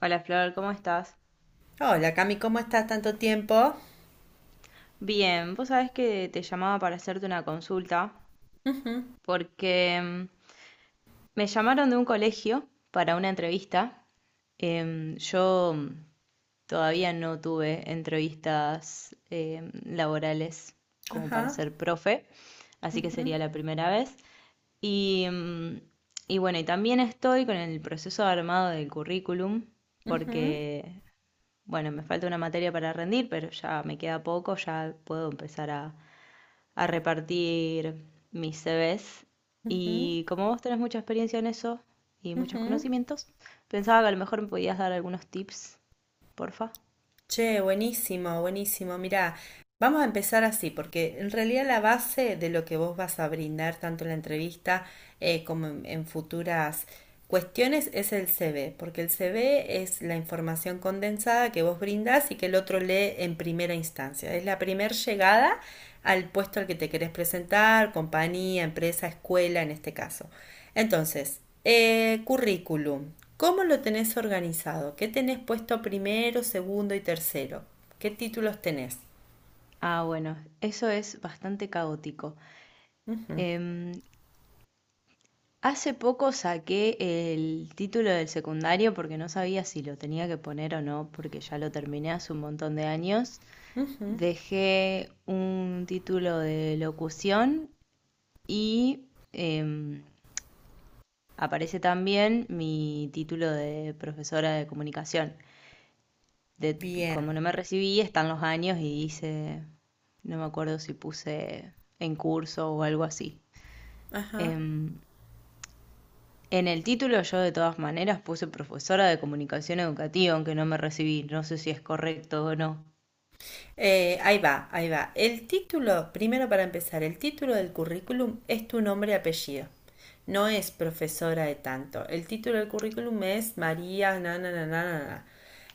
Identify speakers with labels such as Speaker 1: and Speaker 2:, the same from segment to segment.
Speaker 1: Hola Flor, ¿cómo estás?
Speaker 2: Hola Cami, ¿cómo estás? Tanto tiempo.
Speaker 1: Bien, vos sabés que te llamaba para hacerte una consulta
Speaker 2: Ujú.
Speaker 1: porque me llamaron de un colegio para una entrevista. Yo todavía no tuve entrevistas laborales como para
Speaker 2: Ajá.
Speaker 1: ser profe, así que sería
Speaker 2: Ujú,
Speaker 1: la primera vez. Y, mm, y bueno, y también estoy con el proceso de armado del currículum,
Speaker 2: ujú,
Speaker 1: porque bueno, me falta una materia para rendir, pero ya me queda poco, ya puedo empezar a repartir mis CVs.
Speaker 2: ujú,
Speaker 1: Y como vos tenés mucha experiencia en eso y muchos
Speaker 2: ujú.
Speaker 1: conocimientos, pensaba que a lo mejor me podías dar algunos tips, porfa.
Speaker 2: Che, buenísimo, buenísimo. Mirá, vamos a empezar así, porque en realidad la base de lo que vos vas a brindar tanto en la entrevista como en futuras cuestiones es el CV, porque el CV es la información condensada que vos brindás y que el otro lee en primera instancia. Es la primera llegada al puesto al que te querés presentar, compañía, empresa, escuela en este caso. Entonces, currículum, ¿cómo lo tenés organizado? ¿Qué tenés puesto primero, segundo y tercero? ¿Qué títulos tenés?
Speaker 1: Ah, bueno, eso es bastante caótico.
Speaker 2: Ujú,
Speaker 1: Em, hace poco saqué el título del secundario porque no sabía si lo tenía que poner o no, porque ya lo terminé hace un montón de años.
Speaker 2: ujú.
Speaker 1: Dejé un título de locución y em, aparece también mi título de profesora de comunicación. De, como
Speaker 2: Bien.
Speaker 1: no me recibí, están los años y hice, no me acuerdo si puse en curso o algo así.
Speaker 2: Ajá.
Speaker 1: Em, en el título yo de todas maneras puse profesora de comunicación educativa, aunque no me recibí. No sé si es correcto o no.
Speaker 2: Ahí va, ahí va. El título, primero para empezar, el título del currículum es tu nombre y apellido, no es profesora de tanto. El título del currículum es María, na, na, na, na, na.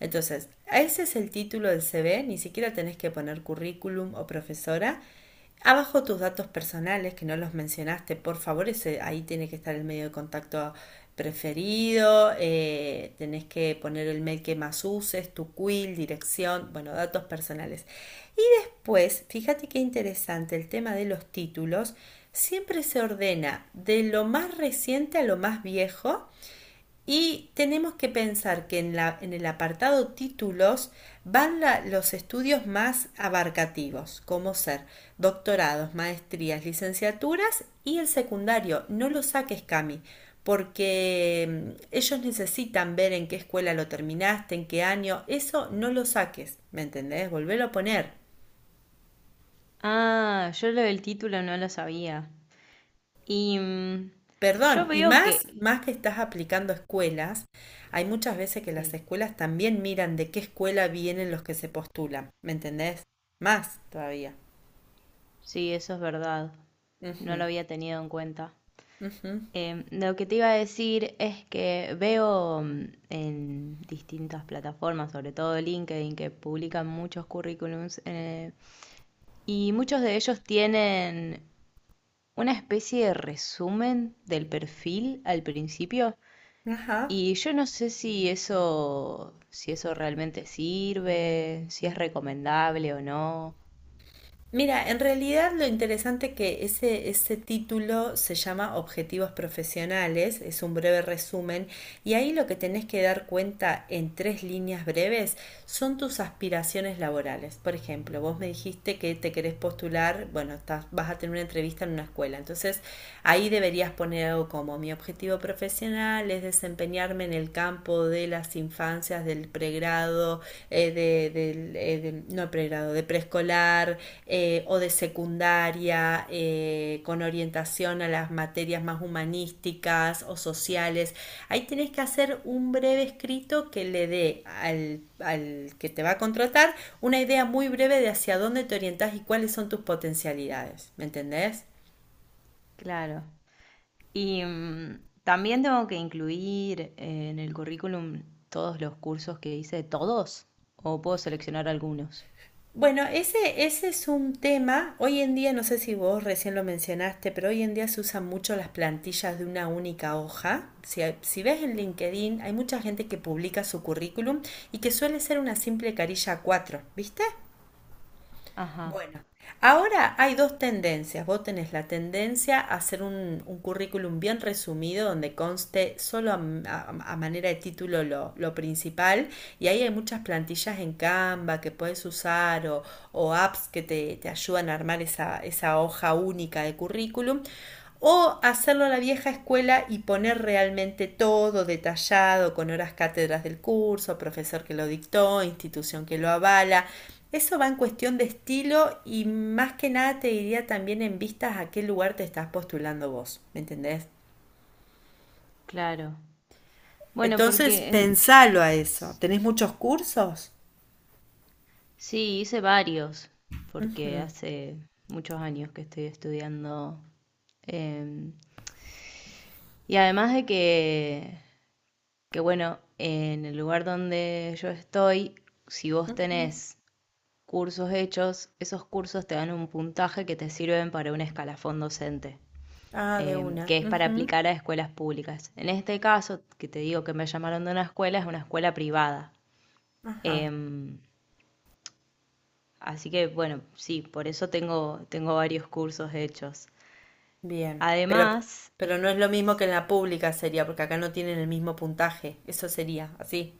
Speaker 2: Entonces, ese es el título del CV, ni siquiera tenés que poner currículum o profesora. Abajo tus datos personales, que no los mencionaste, por favor, ese, ahí tiene que estar el medio de contacto preferido. Tenés que poner el mail que más uses, tu quill, dirección, bueno, datos personales. Y pues fíjate qué interesante el tema de los títulos. Siempre se ordena de lo más reciente a lo más viejo, y tenemos que pensar que en el apartado títulos van los estudios más abarcativos, como ser doctorados, maestrías, licenciaturas y el secundario. No lo saques, Cami, porque ellos necesitan ver en qué escuela lo terminaste, en qué año. Eso no lo saques, ¿me entendés? Volvelo a poner.
Speaker 1: Ah, yo lo del título no lo sabía. Y mm, yo
Speaker 2: Perdón, y
Speaker 1: veo
Speaker 2: más,
Speaker 1: que...
Speaker 2: más que estás aplicando escuelas, hay muchas veces que las
Speaker 1: Sí,
Speaker 2: escuelas también miran de qué escuela vienen los que se postulan, ¿me entendés? Más todavía.
Speaker 1: sí, eso es verdad. No lo
Speaker 2: Ujú,
Speaker 1: había tenido en cuenta.
Speaker 2: ujú.
Speaker 1: Lo que te iba a decir es que veo en distintas plataformas, sobre todo LinkedIn, que publican muchos currículums y muchos de ellos tienen una especie de resumen del perfil al principio.
Speaker 2: Ajá.
Speaker 1: Y yo no sé si eso realmente sirve, si es recomendable o no.
Speaker 2: Mira, en realidad lo interesante que ese título se llama Objetivos Profesionales, es un breve resumen, y ahí lo que tenés que dar cuenta en tres líneas breves son tus aspiraciones laborales. Por ejemplo, vos me dijiste que te querés postular, bueno, vas a tener una entrevista en una escuela, entonces ahí deberías poner algo como mi objetivo profesional es desempeñarme en el campo cuidado de las infancias, del pregrado, no pregrado, de preescolar, o de secundaria, con orientación a las materias más humanísticas o sociales. Ahí tenés que hacer un breve escrito que le dé al que te va a contratar una idea muy breve de hacia dónde te orientás y cuáles son tus potencialidades. ¿Me entendés?
Speaker 1: Claro. También tengo que incluir en el currículum todos los cursos que hice, todos, o puedo seleccionar algunos.
Speaker 2: Bueno, ese es un tema. Hoy en día, no sé si vos recién lo mencionaste, pero hoy en día se usan mucho las plantillas de una única hoja. Si ves en LinkedIn, hay mucha gente que publica su currículum y que suele ser una simple carilla cuatro, ¿viste?
Speaker 1: Ajá,
Speaker 2: Bueno, ahora hay dos tendencias. Vos tenés la tendencia a hacer un currículum bien resumido donde conste solo a manera de título lo principal, y ahí hay muchas plantillas en Canva que puedes usar, o apps que te ayudan a armar esa hoja única de currículum. O hacerlo a la vieja escuela y poner realmente todo detallado, con horas cátedras del curso, profesor que lo dictó, institución que lo avala. Eso va en cuestión de estilo, y más que nada te diría también en vistas a qué lugar te estás postulando vos, ¿me entendés?
Speaker 1: claro. Bueno,
Speaker 2: Entonces,
Speaker 1: porque
Speaker 2: pensalo a eso. ¿Tenés muchos cursos?
Speaker 1: sí, hice varios, porque
Speaker 2: Ujú,
Speaker 1: hace muchos años que estoy estudiando. em, y además de que, bueno, en el lugar donde yo estoy, si vos
Speaker 2: ujú.
Speaker 1: tenés cursos hechos, esos cursos te dan un puntaje que te sirven para un escalafón docente.
Speaker 2: Ah, de una.
Speaker 1: Que es para
Speaker 2: Ujú.
Speaker 1: aplicar a escuelas públicas. En este caso, que te digo que me llamaron de una escuela, es una escuela privada.
Speaker 2: Ajá,
Speaker 1: Em, así que bueno, sí, por eso tengo varios cursos hechos.
Speaker 2: bien. Pero,
Speaker 1: Además,
Speaker 2: pero no es lo mismo que en la pública sería, porque acá no tienen el mismo puntaje. Eso sería, así.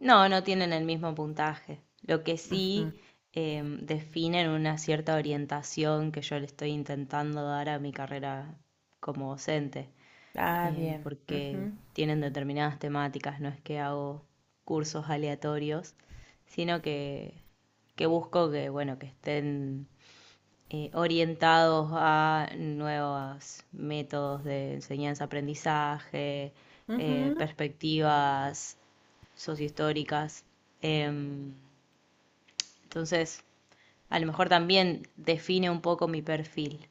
Speaker 1: no, no tienen el mismo puntaje. Lo que
Speaker 2: Ujú.
Speaker 1: sí definen una cierta orientación que yo le estoy intentando dar a mi carrera como docente.
Speaker 2: Ah, bien.
Speaker 1: Porque
Speaker 2: Ujú,
Speaker 1: tienen determinadas temáticas, no es que hago cursos aleatorios, sino que busco que, bueno, que estén orientados a nuevos métodos de enseñanza-aprendizaje,
Speaker 2: ujú.
Speaker 1: perspectivas sociohistóricas. Em, entonces, a lo mejor también define un poco mi perfil.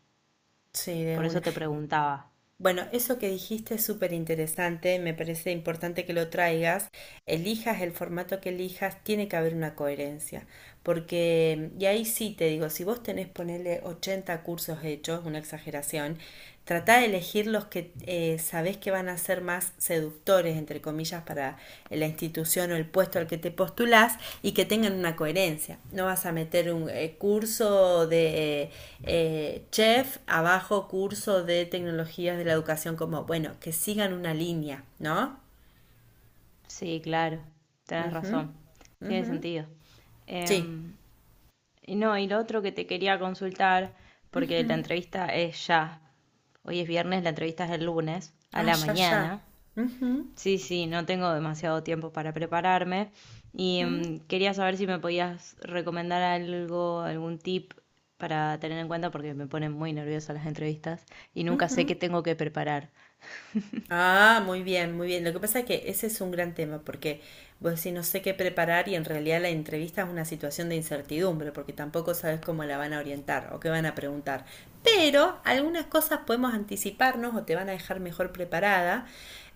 Speaker 2: Sí, de
Speaker 1: Por eso
Speaker 2: una.
Speaker 1: te preguntaba.
Speaker 2: Bueno, eso que dijiste es súper interesante, me parece importante que lo traigas. Elijas el formato que elijas, tiene que haber una coherencia. Porque, y ahí sí te digo, si vos tenés, ponerle 80 cursos hechos, una exageración. Trata de elegir los que sabés que van a ser más seductores, entre comillas, para la institución o el puesto al que te postulás, y que tengan una coherencia. No vas a meter un curso de chef, abajo curso de tecnologías de la educación, como bueno, que sigan una línea, ¿no?
Speaker 1: Sí, claro, tenés
Speaker 2: Ujú,
Speaker 1: razón, tiene
Speaker 2: ujú.
Speaker 1: sentido.
Speaker 2: Sí.
Speaker 1: Em, y no, y lo otro que te quería consultar, porque la
Speaker 2: Ujú.
Speaker 1: entrevista es ya, hoy es viernes, la entrevista es el lunes, a
Speaker 2: Ah,
Speaker 1: la
Speaker 2: ya, ya.
Speaker 1: mañana.
Speaker 2: Ujú,
Speaker 1: Sí, sí, no tengo demasiado tiempo para prepararme y
Speaker 2: ujú,
Speaker 1: quería saber si me podías recomendar algo, algún tip para tener en cuenta, porque me ponen muy nerviosa las entrevistas y nunca sé qué
Speaker 2: ujú.
Speaker 1: tengo que preparar.
Speaker 2: Ah, muy bien, muy bien. Lo que pasa es que ese es un gran tema, porque vos decís no sé qué preparar, y en realidad la entrevista es una situación de incertidumbre, porque tampoco sabes cómo la van a orientar o qué van a preguntar. Pero algunas cosas podemos anticiparnos o te van a dejar mejor preparada.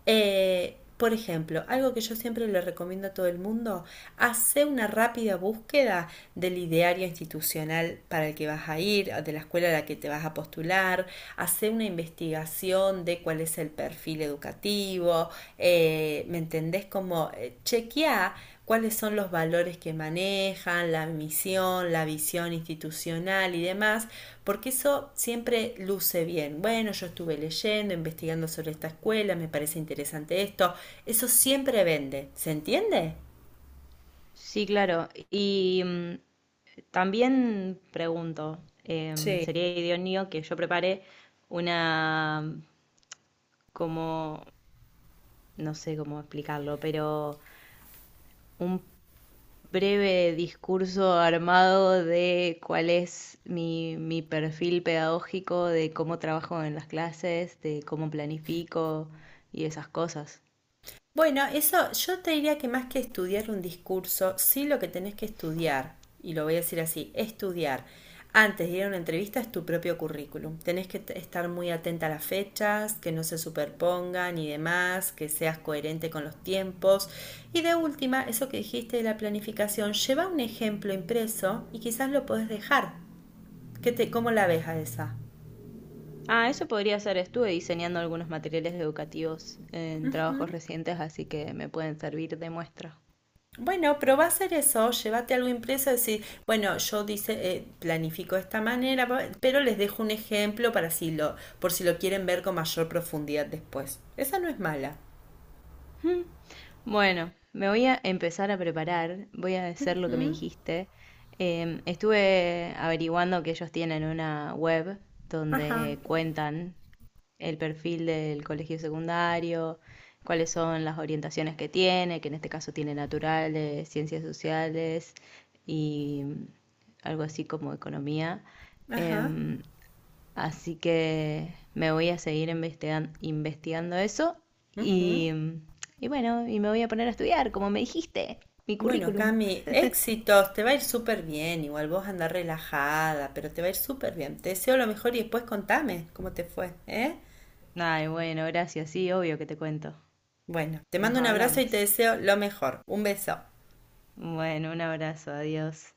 Speaker 2: Por ejemplo, algo que yo siempre le recomiendo a todo el mundo, hace una rápida búsqueda del ideario institucional para el que vas a ir, o de la escuela a la que te vas a postular curricular, hacer una investigación de cuál es el perfil educativo, ¿me entendés? Como chequear cuáles son los valores que manejan, la misión, la visión institucional y demás, porque eso siempre luce bien. Bueno, yo estuve leyendo, investigando sobre esta escuela, me parece interesante esto, eso siempre vende, ¿se entiende?
Speaker 1: Sí, claro. También pregunto,
Speaker 2: Sí.
Speaker 1: sería idóneo que yo prepare una, como, no sé cómo explicarlo, pero un breve discurso armado de cuál es mi perfil pedagógico, de cómo trabajo en las clases, de cómo planifico y esas cosas.
Speaker 2: Bueno, eso yo te diría que más que estudiar un discurso, sí, lo que tenés que estudiar, y lo voy a decir así, estudiar antes de ir a una entrevista es tu propio currículum. Tenés que estar muy atenta a las fechas, que no se superpongan y demás, que seas coherente con los tiempos. Y de última, eso que dijiste de la planificación, lleva un ejemplo impreso y quizás lo podés dejar. ¿Cómo la ves a esa?
Speaker 1: Ah, eso podría ser. Estuve diseñando algunos materiales educativos en trabajos recientes, así que me pueden servir de muestra.
Speaker 2: Bueno, pero a hacer eso, llévate algo impreso, decir, bueno, yo dice, planifico de esta manera, pero les dejo un ejemplo para si lo, por si lo quieren ver con mayor profundidad después. Esa no es mala.
Speaker 1: Bueno, me voy a empezar a preparar, voy a hacer lo que me
Speaker 2: ¿Mm?
Speaker 1: dijiste. Estuve averiguando que ellos tienen una web
Speaker 2: Ajá,
Speaker 1: donde cuentan el perfil del colegio secundario, cuáles son las orientaciones que tiene, que en este caso tiene naturales, ciencias sociales y algo así como economía.
Speaker 2: ajá.
Speaker 1: Em, Así que me voy a investigando eso
Speaker 2: Ujú.
Speaker 1: y, y bueno, y me voy a poner a estudiar, como me dijiste, mi
Speaker 2: Bueno,
Speaker 1: currículum.
Speaker 2: Cami, éxitos, te va a ir súper bien, igual vos andás relajada, pero te va a ir súper bien. Te deseo lo mejor, y después contame cómo te fue, ¿eh?
Speaker 1: Ay, bueno, gracias, sí, obvio que te cuento.
Speaker 2: Bueno, te
Speaker 1: Nos
Speaker 2: mando un abrazo y te
Speaker 1: hablamos.
Speaker 2: deseo lo mejor. Un beso.
Speaker 1: Bueno, un abrazo, adiós.